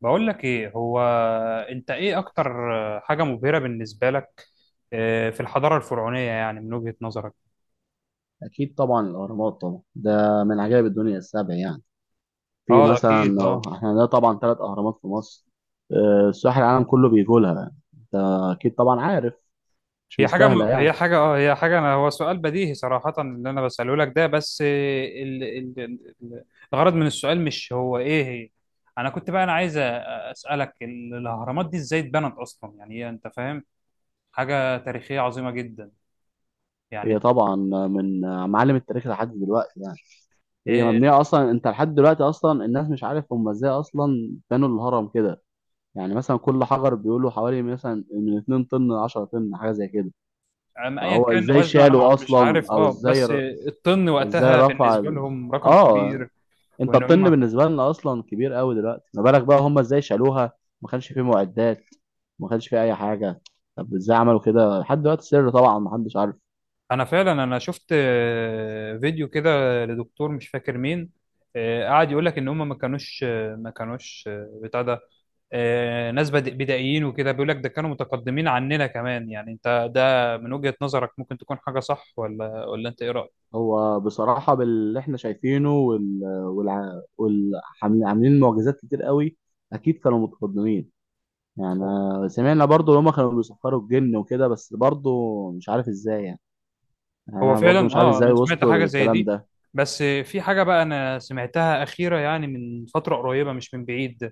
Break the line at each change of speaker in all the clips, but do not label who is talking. بقول لك ايه هو. انت ايه اكتر حاجة مبهرة بالنسبة لك في الحضارة الفرعونية يعني من وجهة نظرك؟
أكيد طبعا الأهرامات طبعا ده من عجائب الدنيا السبع يعني. في
اه
مثلا
اكيد اه.
احنا عندنا طبعا ثلاث أهرامات في مصر. سياح العالم كله بيجوا لها. أنت أكيد طبعا عارف. مش مستاهلة يعني.
هي حاجة، أنا هو سؤال بديهي صراحة اللي انا بسأله لك ده، بس الغرض من السؤال مش هو ايه هي. انا كنت بقى انا عايز اسألك الاهرامات دي ازاي اتبنت اصلا، يعني هي انت فاهم حاجة تاريخية عظيمة جدا
هي
يعني.
طبعا من معالم التاريخ لحد دلوقتي يعني. هي
آه،
مبنية أصلا. أنت لحد دلوقتي أصلا الناس مش عارف هم إزاي أصلا بنوا الهرم كده. يعني مثلا كل حجر بيقولوا حوالي مثلا من 2 طن ل 10 طن حاجة زي كده.
أم ايا
فهو
كان
إزاي
وزنه
شالوا
مش
أصلا
عارف
أو
اه،
إزاي؟
بس الطن
إزاي
وقتها
رفع
بالنسبه لهم رقم
اه،
كبير.
انت
وان
الطن
هم
بالنسبه لنا اصلا كبير قوي دلوقتي. ما بالك بقى هم ازاي شالوها؟ ما كانش فيه معدات، ما كانش فيه اي حاجه. طب ازاي عملوا كده؟ لحد دلوقتي سر، طبعا ما حدش عارف.
انا فعلا شفت فيديو كده لدكتور مش فاكر مين. قعد يقول لك ان هم ما كانوش بتاع ده، ناس بدائيين وكده، بيقول لك ده كانوا متقدمين عننا كمان. يعني انت ده من وجهة نظرك ممكن تكون حاجه صح، ولا انت ايه رأيك؟
هو بصراحه باللي احنا شايفينه والعاملين معجزات كتير قوي، اكيد كانوا متقدمين يعني. سمعنا برضو ان هم كانوا بيسخروا الجن وكده بس برضو مش عارف ازاي يعني. يعني
هو
انا برضو
فعلا
مش عارف
اه،
ازاي
انا سمعت
وصلوا
حاجه زي
للكلام
دي.
ده.
بس في حاجه بقى انا سمعتها اخيره، يعني من فتره قريبه مش من بعيد.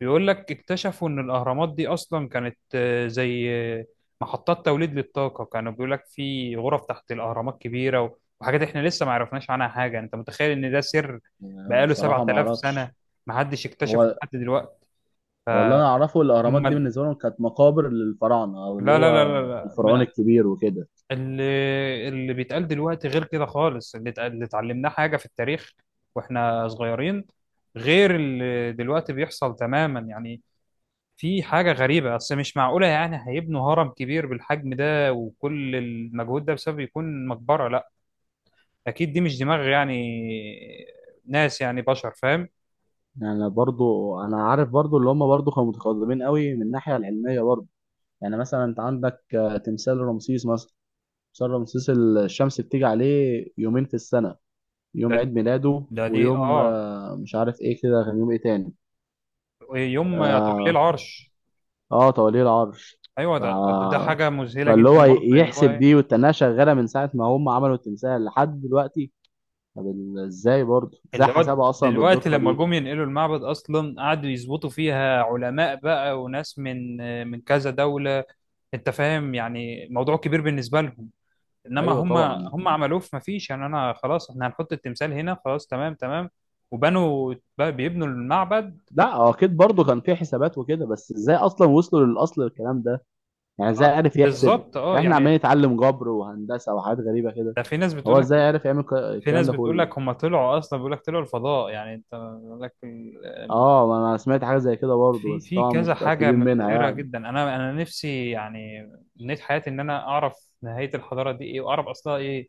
بيقول لك اكتشفوا ان الاهرامات دي اصلا كانت زي محطات توليد للطاقه، كانوا بيقول لك في غرف تحت الاهرامات كبيره وحاجات احنا لسه ما عرفناش عنها حاجه. انت متخيل ان ده سر بقاله
صراحه ما
7000 سنه
اعرفش.
ما حدش اكتشفه
هو
لحد دلوقتي!
هو اللي انا اعرفه الاهرامات دي
هم،
بالنسبه لهم كانت مقابر للفراعنه او اللي
لا لا لا
هو
لا
الفرعون
لا.
الكبير وكده.
اللي اللي بيتقال دلوقتي غير كده خالص. اللي اتعلمناه حاجة في التاريخ واحنا صغيرين، غير اللي دلوقتي بيحصل تماما يعني. في حاجة غريبة أصل مش معقولة، يعني هيبنوا هرم كبير بالحجم ده وكل المجهود ده بسبب يكون مقبرة؟ لا، أكيد دي مش دماغ يعني ناس، يعني بشر فاهم.
يعني برضو انا عارف برضو اللي هم برضو كانوا متقدمين قوي من الناحيه العلميه برضو. يعني مثلا انت عندك تمثال رمسيس مثلا. تمثال رمسيس الشمس بتيجي عليه يومين في السنه:
ده
يوم عيد ميلاده
ده دي
ويوم
اه
مش عارف ايه كده، كان يوم ايه تاني.
يوم توليه
اه,
العرش.
آه، توليه العرش.
أيوه،
ف...
ده حاجة مذهلة
فاللي هو
جدا برضه. اللي هو
يحسب دي
إيه؟
والتناقشه شغاله من ساعه ما هم عملوا التمثال لحد دلوقتي. طب ازاي برضه ازاي
اللي هو
حسابها اصلا
دلوقتي
بالدقه
لما
دي؟
جم ينقلوا المعبد اصلا قعدوا يظبطوا فيها علماء بقى وناس من كذا دولة. انت فاهم، يعني موضوع كبير بالنسبة لهم. انما
ايوه
هم
طبعا.
هم عملوه. في مفيش يعني، انا خلاص احنا هنحط التمثال هنا خلاص تمام تمام، وبنوا بقى بيبنوا المعبد.
لا هو اكيد برضه كان في حسابات وكده، بس ازاي اصلا وصلوا للاصل الكلام ده، يعني ازاي
آه،
عرف يحسب؟
بالظبط اه
احنا
يعني.
عمالين نتعلم جبر وهندسه وحاجات غريبه كده،
ده في ناس بتقول
هو ازاي
لك،
عرف يعمل
في
الكلام
ناس
ده
بتقول
كله؟
لك هم طلعوا اصلا، بيقول لك طلعوا الفضاء يعني، انت بيقول لك.
اه ما انا سمعت حاجه زي كده برضه،
في
بس
في
طبعا
كذا
مش
حاجة
متاكدين منها
مبهرة
يعني.
جدا. أنا نفسي يعني من حياتي إن أنا أعرف نهاية الحضارة دي إيه وأعرف أصلها إيه،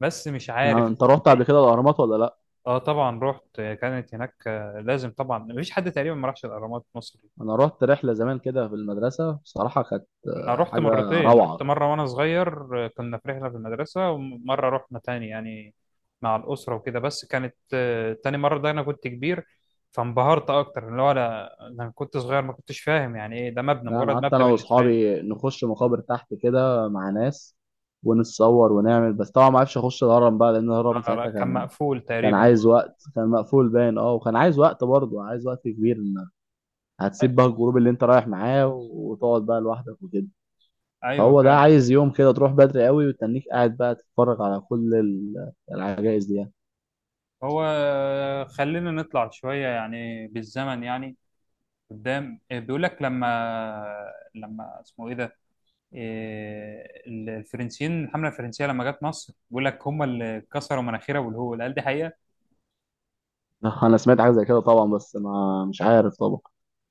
بس مش
يعني
عارف.
انت رحت قبل
إيه.
كده الاهرامات ولا لا؟
أه طبعا رحت. كانت هناك لازم طبعا، مفيش حد تقريبا ما راحش الأهرامات في مصر.
انا رحت رحله زمان كده في المدرسه، بصراحه كانت
أنا رحت
حاجه
مرتين، رحت
روعه.
مرة وأنا صغير، كنا في رحلة في المدرسة، ومرة رحنا تاني يعني مع الأسرة وكده، بس كانت تاني مرة ده أنا كنت كبير، فانبهرت أكتر. اللي هو أنا كنت صغير ما كنتش فاهم يعني إيه ده، مبنى
لا، انا
مجرد مبنى
قعدت انا
بالنسبة لي.
واصحابي نخش مقابر تحت كده مع ناس ونتصور ونعمل، بس طبعا ما عرفش اخش الهرم بقى، لان الهرم
لا لا،
ساعتها
كان
كان
مقفول
كان
تقريبا.
عايز وقت، كان مقفول باين، اه، وكان عايز وقت برضه، عايز وقت كبير، إن
أ-
هتسيب بقى الجروب اللي انت رايح معاه وتقعد بقى لوحدك وكده.
ايوه
فهو ده
فعلا.
عايز يوم كده، تروح بدري قوي وتنيك قاعد بقى تتفرج على كل العجائز دي يعني.
هو خلينا نطلع شويه يعني بالزمن يعني قدام. بيقول لك لما اسمه ايه ده، الفرنسيين، الحمله الفرنسيه لما جت مصر، بيقول لك هم اللي كسروا مناخيرها والهول. قال دي حقيقه.
انا سمعت حاجه زي كده طبعا، بس ما مش عارف طبعا.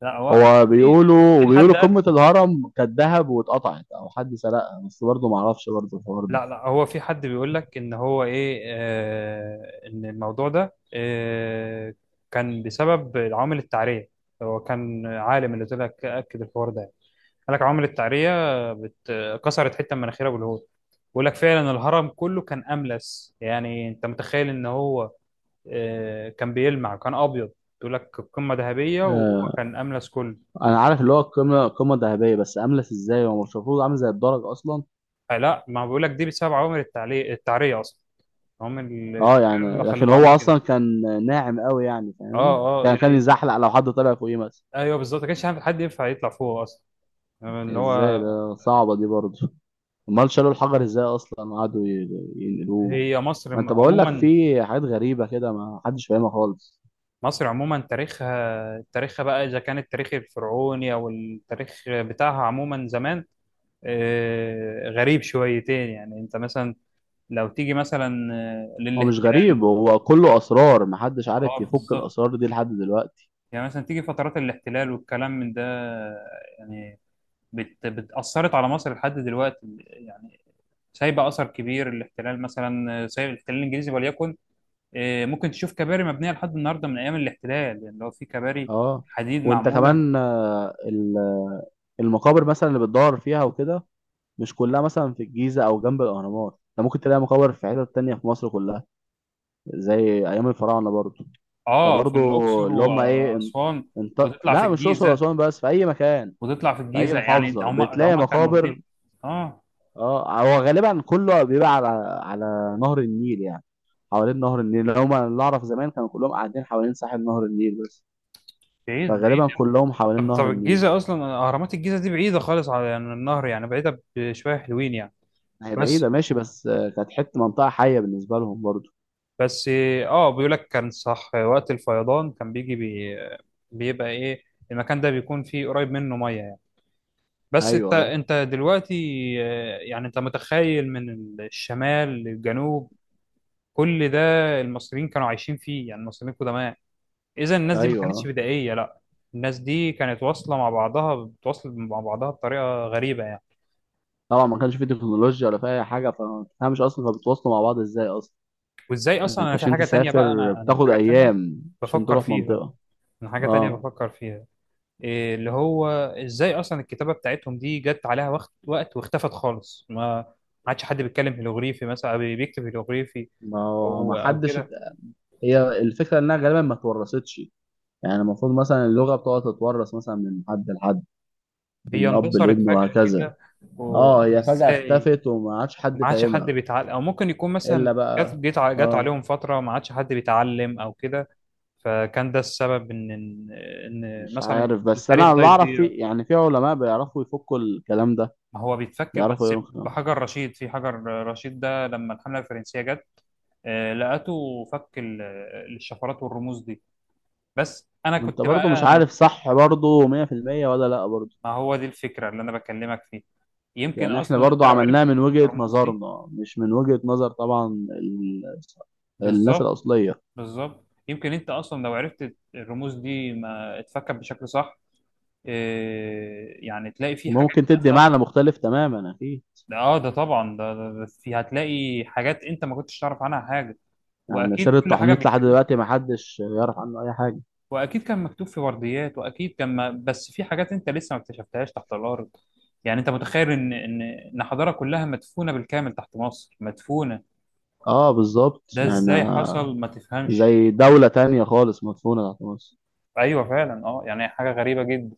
لا هو،
هو
في
بيقولوا وبيقولوا
حد قال،
قمة الهرم كانت ذهب واتقطعت او حد سرقها، بس برضه ما اعرفش برضه الحوار ده.
لا لا هو في حد بيقول لك ان هو ايه، ان الموضوع ده كان بسبب العوامل التعريه. هو كان عالم اللي طلع اكد الحوار ده، قال لك عمر التعرية بت... كسرت حتة من مناخيرها بالهول. بيقول لك فعلا الهرم كله كان أملس. يعني أنت متخيل إن هو كان بيلمع، كان أبيض! بيقول لك قمة ذهبية وهو
آه،
كان أملس كله.
انا عارف اللي هو القمة قمة ذهبية، بس املس ازاي؟ هو مش المفروض عامل زي الدرج اصلا؟
لا، ما بيقول لك دي بسبب عوامل التعرية أصلا. عوامل
اه يعني،
التعرية اللي
لكن
خليته
هو
عامل
اصلا
كده.
كان ناعم قوي يعني،
أه
فاهمني،
أه
كان
يعني،
يزحلق لو حد طلع فوقيه مثلا.
أيوه بالظبط، ما كانش حد ينفع يطلع فوق أصلا. يعني اللي
ازاي
هو
ده؟ صعبة دي برضه. امال شالوا الحجر ازاي اصلا وقعدوا ينقلوه؟
هي مصر
ما انت بقول لك
عموما.
في حاجات غريبة كده ما حدش فاهمها خالص.
مصر عموما، تاريخها تاريخها بقى، إذا كان التاريخ الفرعوني أو التاريخ بتاعها عموما زمان، غريب شويتين يعني. أنت مثلا لو تيجي مثلا
هو مش غريب،
للاحتلال.
هو كله اسرار محدش
اه
عارف يفك
بالظبط،
الاسرار دي لحد دلوقتي.
يعني مثلا تيجي فترات الاحتلال والكلام من ده يعني بتأثرت على مصر لحد دلوقتي، يعني سايبة أثر كبير الاحتلال. مثلا سايب الاحتلال الإنجليزي وليكن، ممكن تشوف كباري مبنية لحد النهاردة من أيام الاحتلال، يعني لو في كباري
اه.
حديد
وانت
معمولة.
كمان، المقابر مثلا اللي بتدور فيها وكده، مش كلها مثلا في الجيزة او جنب الاهرامات. انت ممكن تلاقي مقابر في حتت تانية في مصر كلها، زي ايام الفراعنة برضو.
اه في
فبرضو
الاقصر
اللي هم ايه
واسوان. وتطلع في
لا مش الاقصر
الجيزه
واسوان بس، في اي مكان،
وتطلع في
في اي
الجيزه، يعني
محافظة
ده
بتلاقي
هم كانوا واخدين
مقابر.
اه.
اه. هو غالبا كله بيبقى على نهر النيل يعني. حوالين نهر النيل هما اللي اعرف زمان كانوا كلهم قاعدين حوالين ساحل نهر النيل بس.
بعيد بعيد.
فغالبا كلهم حوالين
طب
نهر
طب
النيل.
الجيزه اصلا، اهرامات الجيزه دي بعيده خالص على يعني النهر، يعني بعيده بشويه حلوين يعني.
هي
بس
بعيدة ماشي، بس كانت حتة منطقة حية بالنسبة لهم برضو.
بس اه، بيقول لك كان صح، وقت الفيضان كان بيجي بيبقى ايه المكان ده، بيكون فيه قريب منه ميه يعني. بس انت
ايوه، ايوه،
انت دلوقتي يعني انت متخيل من الشمال للجنوب كل ده المصريين كانوا عايشين فيه، يعني المصريين القدماء. اذا الناس دي ما
ايوه،
كانتش
آه.
بدائيه، لا، الناس دي كانت واصله مع بعضها، بتواصل مع بعضها بطريقه غريبه يعني.
طبعا ما كانش في تكنولوجيا ولا في اي حاجة، فما تفهمش اصلا فبتواصلوا مع بعض ازاي اصلا؟
وازاي اصلا
انت
انا في
عشان
حاجه تانية بقى،
تسافر
انا
بتاخد
حاجه تانية
ايام عشان
بفكر
تروح
فيها،
منطقة.
انا حاجه تانية
اه.
بفكر فيها. إيه اللي هو، ازاي اصلا الكتابه بتاعتهم دي جت عليها وقت واختفت خالص؟ ما ما عادش حد بيتكلم هيروغليفي مثلا او بيكتب هيروغليفي
ما هو ما
او
حدش
كده.
هي الفكرة انها غالبا ما اتورثتش. يعني المفروض مثلا اللغة بتقعد تتورث مثلا من حد لحد،
هي
من أب
اندثرت
لابن
فجاه
وهكذا.
كده،
اه هي فجأة
وازاي
اختفت وما عادش حد
ما عادش حد
فاهمها
بيتعلم، او ممكن يكون
إلا
مثلا جت
بقى.
جت ع- جت
اه،
عليهم فتره ما عادش حد بيتعلم او كده، فكان ده السبب ان إن
مش
مثلا
عارف، بس
التاريخ
أنا
ده
اللي أعرف في،
يضيع.
يعني في علماء بيعرفوا يفكوا الكلام ده،
ما هو بيتفكر
بيعرفوا
بس
يقولوا الكلام.
بحجر رشيد، في حجر رشيد ده لما الحمله الفرنسيه جت لقته فك الشفرات والرموز دي. بس انا
وأنت
كنت
برضو
بقى
مش
انا،
عارف صح برضو 100% ولا لأ برضو؟
ما هو دي الفكره اللي انا بكلمك فيها. يمكن
يعني احنا
اصلا انت
برضو
لو عرفت
عملناها من وجهة
الرموز دي
نظرنا، مش من وجهة نظر طبعا الناس
بالظبط.
الأصلية،
بالظبط، يمكن انت اصلا لو عرفت الرموز دي ما اتفكت بشكل صح. إيه، يعني تلاقي فيه حاجات
ممكن تدي
نازلة-
معنى مختلف تماما أكيد.
اه ده طبعا، ده في هتلاقي حاجات انت ما كنتش تعرف عنها حاجه،
يعني
واكيد
سر
كل حاجه
التحنيط لحد
بيكتبوها،
دلوقتي ما حدش يعرف عنه اي حاجه.
واكيد كان مكتوب في ورديات، واكيد كان، ما بس في حاجات انت لسه ما اكتشفتهاش تحت الارض. يعني انت متخيل ان ان حضاره كلها مدفونه بالكامل تحت مصر مدفونه،
اه بالظبط
ده
يعني.
ازاي حصل ما تفهمش.
زي دوله تانية خالص مدفونه تحت مصر.
ايوه فعلا اه، يعني حاجه غريبه جدا،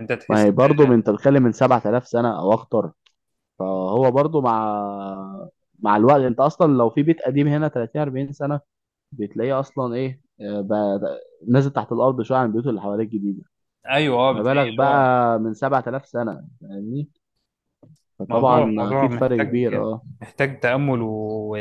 انت
ما هي
تحس.
برضه انت بتتكلم من 7000 سنه او اكتر. فهو برضه مع الوقت، انت اصلا لو في بيت قديم هنا 30 40 سنه بتلاقيه اصلا ايه، بقى نازل تحت الارض شويه عن البيوت اللي حواليه الجديده.
ايوه اه
ما
بتلاقي
بالك
اللي هو.
بقى من 7000 سنه فاهمني؟
موضوع
فطبعا
موضوع
اكيد فرق
محتاج،
كبير. اه،
محتاج تامل و...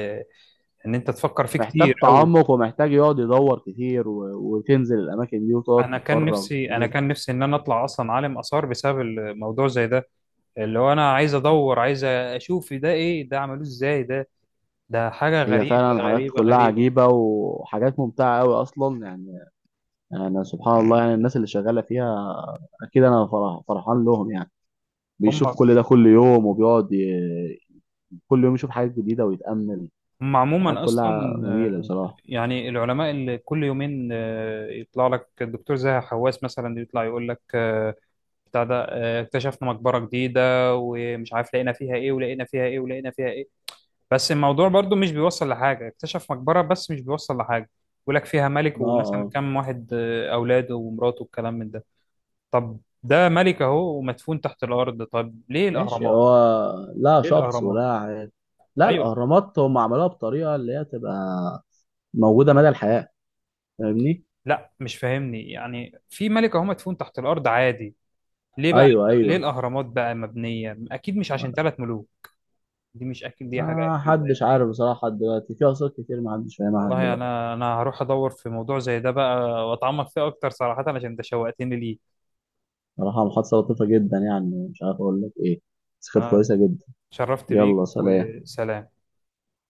ان انت تفكر فيه كتير
محتاج
قوي.
تعمق ومحتاج يقعد يدور كتير وتنزل الأماكن دي وتقعد
انا كان
تتفرج
نفسي انا
كتير.
كان نفسي ان انا اطلع اصلا عالم اثار بسبب الموضوع زي ده، اللي هو انا عايز ادور، عايز اشوف ده ايه، ده عملوه ازاي، ده ده حاجه
هي
غريبه
فعلا الحاجات
غريبه
كلها
غريبه.
عجيبة وحاجات ممتعة أوي أصلا يعني. أنا سبحان الله، يعني الناس اللي شغالة فيها أكيد أنا فرحان لهم يعني.
هم
بيشوف كل ده كل يوم وبيقعد كل يوم يشوف حاجات جديدة ويتأمل.
هم
الحاجات
عموما اصلا،
كلها جميلة
آه،
بصراحة.
يعني العلماء اللي كل يومين يطلع لك الدكتور زاهي حواس مثلا يطلع يقول لك بتاع ده اكتشفنا مقبره جديده، ومش عارف لقينا فيها ايه ولقينا فيها ايه ولقينا فيها ايه. بس الموضوع برضو مش بيوصل لحاجة، اكتشف مقبرة بس مش بيوصل لحاجة، يقول لك فيها ملك
اه.
ومثلا
اه
كم واحد أولاده ومراته والكلام من ده. طب ده ملك أهو ومدفون تحت الأرض، طب ليه
ماشي.
الأهرامات؟
هو لا
ليه
شخص ولا
الأهرامات؟
عاد. لا،
أيوه.
الأهرامات هم عملوها بطريقة اللي هي تبقى موجودة مدى الحياة، فاهمني؟
لا مش فاهمني، يعني في ملك أهو مدفون تحت الأرض عادي، ليه بقى
أيوه،
ليه
أيوه.
الأهرامات بقى مبنية؟ أكيد مش عشان ثلاث ملوك دي، مش أكيد دي حاجة
ما
أكيدة
حدش
يعني.
عارف بصراحة، لحد دلوقتي في أقساط كتير ما حدش فاهمها لحد
والله
دلوقتي.
أنا هروح أدور في موضوع زي ده بقى، وأتعمق فيه أكتر صراحة، عشان أنت شوقتني ليه.
بصراحة محادثة لطيفة جدا، يعني مش عارف أقول لك إيه، بس كانت
أنا
كويسة جدا.
شرفت
يلا،
بيك
سلام.
وسلام.